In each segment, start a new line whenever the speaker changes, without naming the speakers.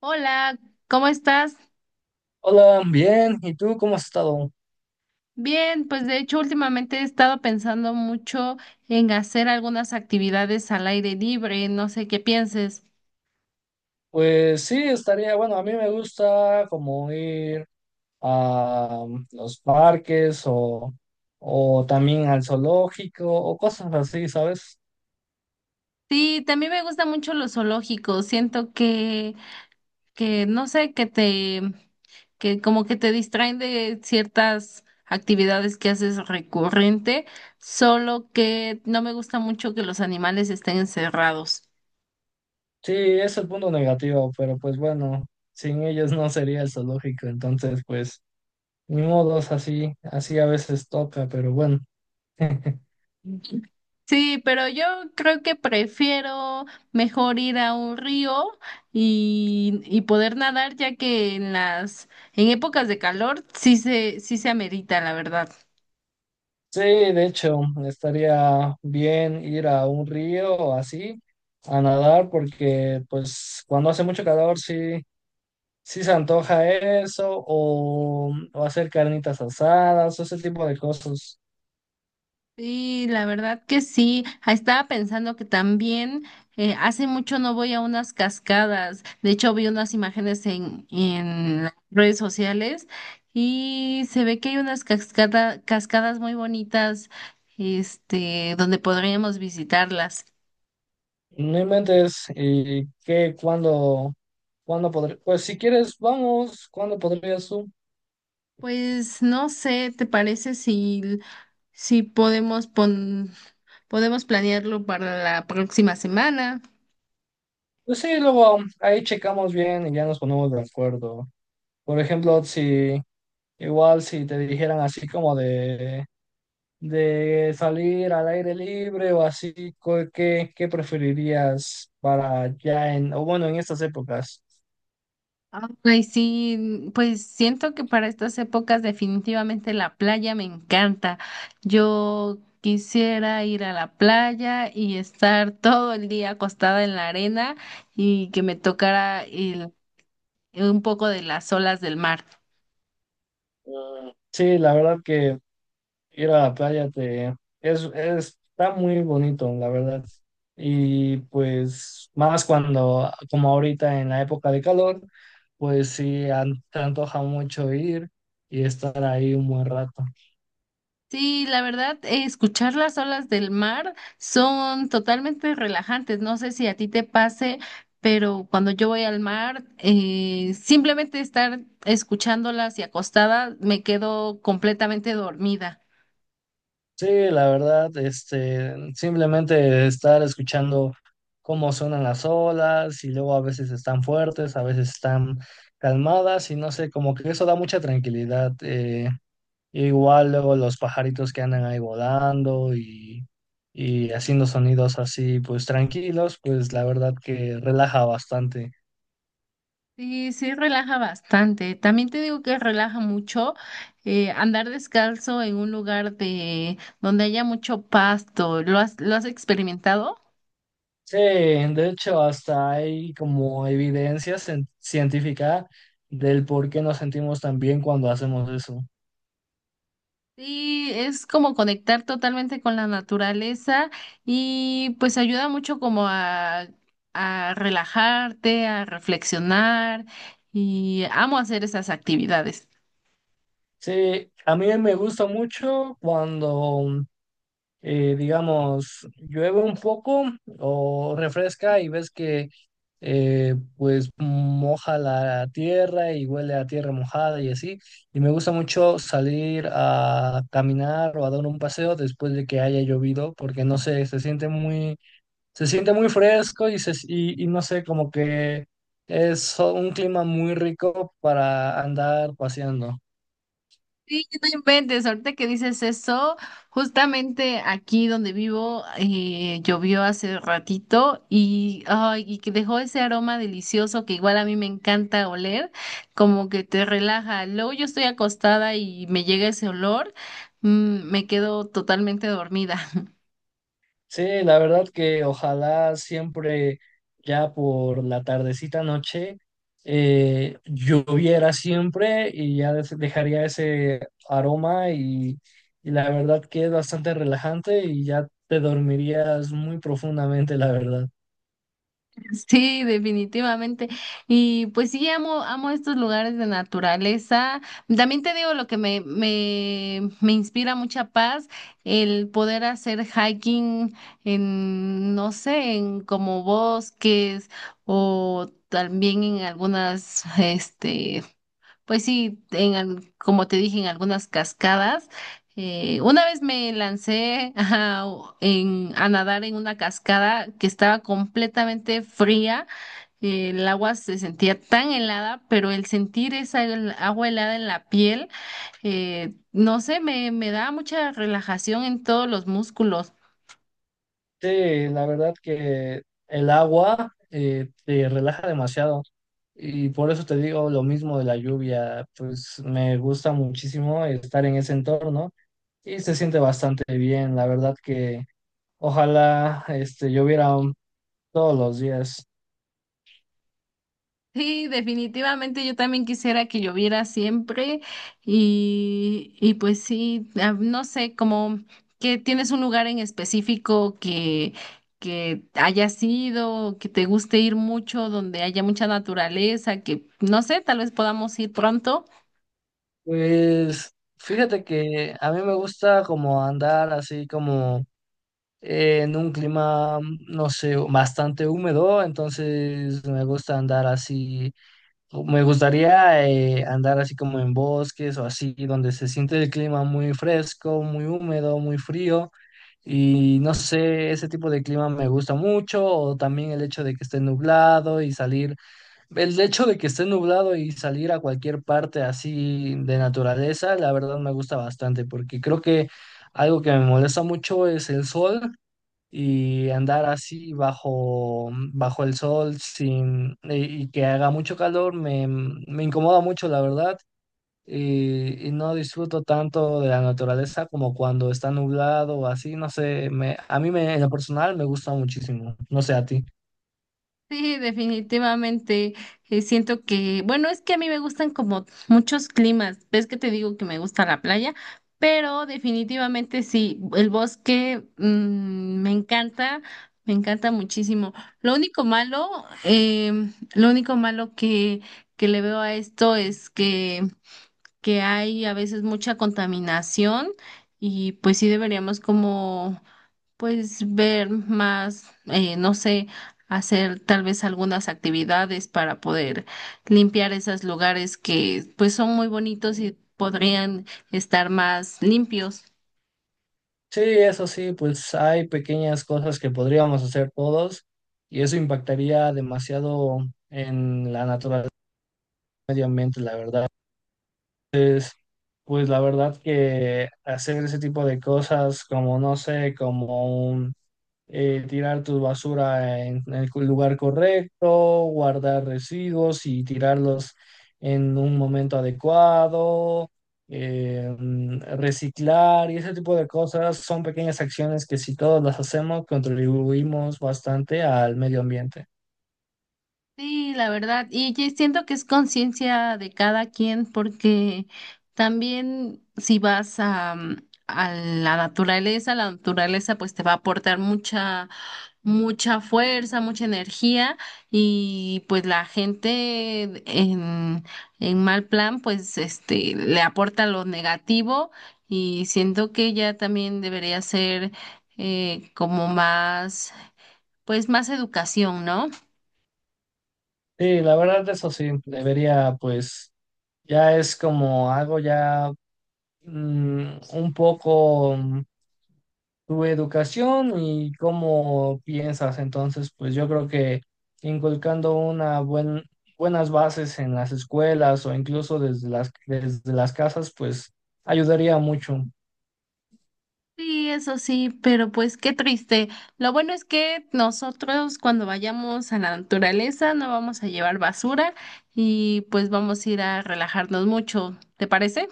Hola, ¿cómo estás?
Hola, bien. ¿Y tú cómo has estado?
Bien, pues de hecho últimamente he estado pensando mucho en hacer algunas actividades al aire libre, no sé qué pienses.
Pues sí, estaría, bueno, a mí me gusta como ir a los parques o también al zoológico o cosas así, ¿sabes?
Sí, también me gustan mucho los zoológicos, siento que no sé, que como que te distraen de ciertas actividades que haces recurrente, solo que no me gusta mucho que los animales estén encerrados.
Sí, es el punto negativo, pero pues bueno, sin ellos no sería el zoológico, entonces pues ni modos, así, así a veces toca, pero bueno.
Sí, pero yo creo que prefiero mejor ir a un río y poder nadar, ya que en en épocas de calor sí se amerita, la verdad.
Sí, de hecho, estaría bien ir a un río o así a nadar porque pues cuando hace mucho calor sí se antoja eso o hacer carnitas asadas o ese tipo de cosas.
Sí, la verdad que sí. Ah, estaba pensando que también hace mucho no voy a unas cascadas. De hecho, vi unas imágenes en las redes sociales y se ve que hay unas cascadas muy bonitas, donde podríamos visitarlas.
No inventes y cuándo podré, pues si quieres, vamos, ¿cuándo podrías tú?
Pues no sé, ¿te parece si podemos planearlo para la próxima semana?
Pues sí, luego ahí checamos bien y ya nos ponemos de acuerdo. Por ejemplo, si igual si te dijeran así como de salir al aire libre o así, ¿qué preferirías para ya en, o bueno, en estas épocas?
Ay, sí, pues siento que para estas épocas definitivamente la playa me encanta. Yo quisiera ir a la playa y estar todo el día acostada en la arena y que me un poco de las olas del mar.
Sí, la verdad que ir a la playa te está muy bonito, la verdad. Y pues más cuando, como ahorita en la época de calor, pues sí, te antoja mucho ir y estar ahí un buen rato.
Sí, la verdad, escuchar las olas del mar son totalmente relajantes. No sé si a ti te pase, pero cuando yo voy al mar, simplemente estar escuchándolas y acostada, me quedo completamente dormida.
Sí, la verdad, este, simplemente estar escuchando cómo suenan las olas y luego a veces están fuertes, a veces están calmadas y no sé, como que eso da mucha tranquilidad. Igual luego los pajaritos que andan ahí volando y haciendo sonidos así, pues tranquilos, pues la verdad que relaja bastante.
Sí, sí, relaja bastante. También te digo que relaja mucho andar descalzo en un lugar de donde haya mucho pasto. Lo has experimentado?
Sí, de hecho hasta hay como evidencia científica del por qué nos sentimos tan bien cuando hacemos eso.
Sí, es como conectar totalmente con la naturaleza y pues ayuda mucho como a relajarte, a reflexionar y amo hacer esas actividades.
Sí, a mí me gusta mucho cuando, digamos, llueve un poco o refresca y ves que, pues, moja la tierra y huele a tierra mojada y así. Y me gusta mucho salir a caminar o a dar un paseo después de que haya llovido, porque no sé, se siente muy fresco y no sé, como que es un clima muy rico para andar paseando.
Sí, no inventes, ahorita que dices eso, justamente aquí donde vivo llovió hace ratito y y que dejó ese aroma delicioso que igual a mí me encanta oler, como que te relaja. Luego yo estoy acostada y me llega ese olor, mm, me quedo totalmente dormida.
Sí, la verdad que ojalá siempre ya por la tardecita noche lloviera siempre y ya dejaría ese aroma y la verdad que es bastante relajante y ya te dormirías muy profundamente, la verdad.
Sí, definitivamente. Y pues sí, amo estos lugares de naturaleza. También te digo lo que me inspira mucha paz, el poder hacer hiking en, no sé, en como bosques o también en algunas, pues sí, como te dije, en algunas cascadas. Una vez me lancé a nadar en una cascada que estaba completamente fría. El agua se sentía tan helada, pero el sentir esa agua helada en la piel, no sé, me da mucha relajación en todos los músculos.
Sí, la verdad que el agua te relaja demasiado y por eso te digo lo mismo de la lluvia, pues me gusta muchísimo estar en ese entorno. Y se siente bastante bien, la verdad que ojalá este, lloviera todos los días.
Sí, definitivamente yo también quisiera que lloviera siempre y pues sí, ah, no sé, como que tienes un lugar en específico que hayas ido, que te guste ir mucho, donde haya mucha naturaleza, que no sé, tal vez podamos ir pronto.
Pues fíjate que a mí me gusta como andar así como en un clima, no sé, bastante húmedo, entonces me gusta andar así. Me gustaría andar así como en bosques o así, donde se siente el clima muy fresco, muy húmedo, muy frío. Y no sé, ese tipo de clima me gusta mucho, o también el hecho de que esté nublado y salir, el hecho de que esté nublado y salir a cualquier parte así de naturaleza, la verdad me gusta bastante, porque creo que algo que me molesta mucho es el sol y andar así bajo, bajo el sol sin que haga mucho calor me, me incomoda mucho, la verdad, y no disfruto tanto de la naturaleza como cuando está nublado o así, no sé, me, a mí me, en lo personal me gusta muchísimo, no sé a ti.
Sí, definitivamente. Siento que, bueno, es que a mí me gustan como muchos climas. Ves que te digo que me gusta la playa, pero definitivamente sí, el bosque mm, me encanta muchísimo. Lo único malo, lo único malo que le veo a esto es que hay a veces mucha contaminación y pues sí deberíamos como pues ver más, no sé, hacer tal vez algunas actividades para poder limpiar esos lugares que pues son muy bonitos y podrían estar más limpios.
Sí, eso sí, pues hay pequeñas cosas que podríamos hacer todos y eso impactaría demasiado en la naturaleza, y el medio ambiente, la verdad. Pues la verdad que hacer ese tipo de cosas como, no sé, tirar tu basura en, el lugar correcto, guardar residuos y tirarlos en un momento adecuado, reciclar y ese tipo de cosas son pequeñas acciones que si todos las hacemos contribuimos bastante al medio ambiente.
Sí, la verdad, y yo siento que es conciencia de cada quien porque también si vas a, mm, a la naturaleza pues te va a aportar mucha fuerza, mucha energía y pues la gente en mal plan pues este le aporta lo negativo y siento que ya también debería ser como más, pues más educación, ¿no?
Sí, la verdad eso sí, debería pues... Ya es como algo ya mm, un poco tu educación y cómo piensas. Entonces, pues yo creo que inculcando una buenas bases en las escuelas o incluso desde las casas, pues ayudaría mucho.
Sí, eso sí, pero pues qué triste. Lo bueno es que nosotros cuando vayamos a la naturaleza no vamos a llevar basura y pues vamos a ir a relajarnos mucho, ¿te parece?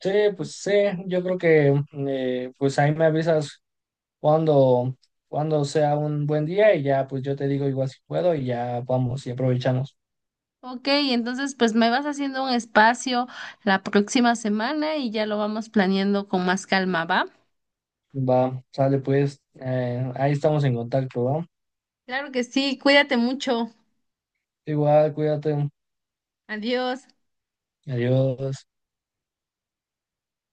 Sí, pues sí, yo creo que pues ahí me avisas cuando, cuando sea un buen día y ya pues yo te digo igual si puedo y ya vamos y aprovechamos.
Ok, entonces pues me vas haciendo un espacio la próxima semana y ya lo vamos planeando con más calma, ¿va?
Va, sale pues, ahí estamos en contacto, ¿va?
Claro que sí, cuídate mucho.
Igual, cuídate.
Adiós.
Adiós.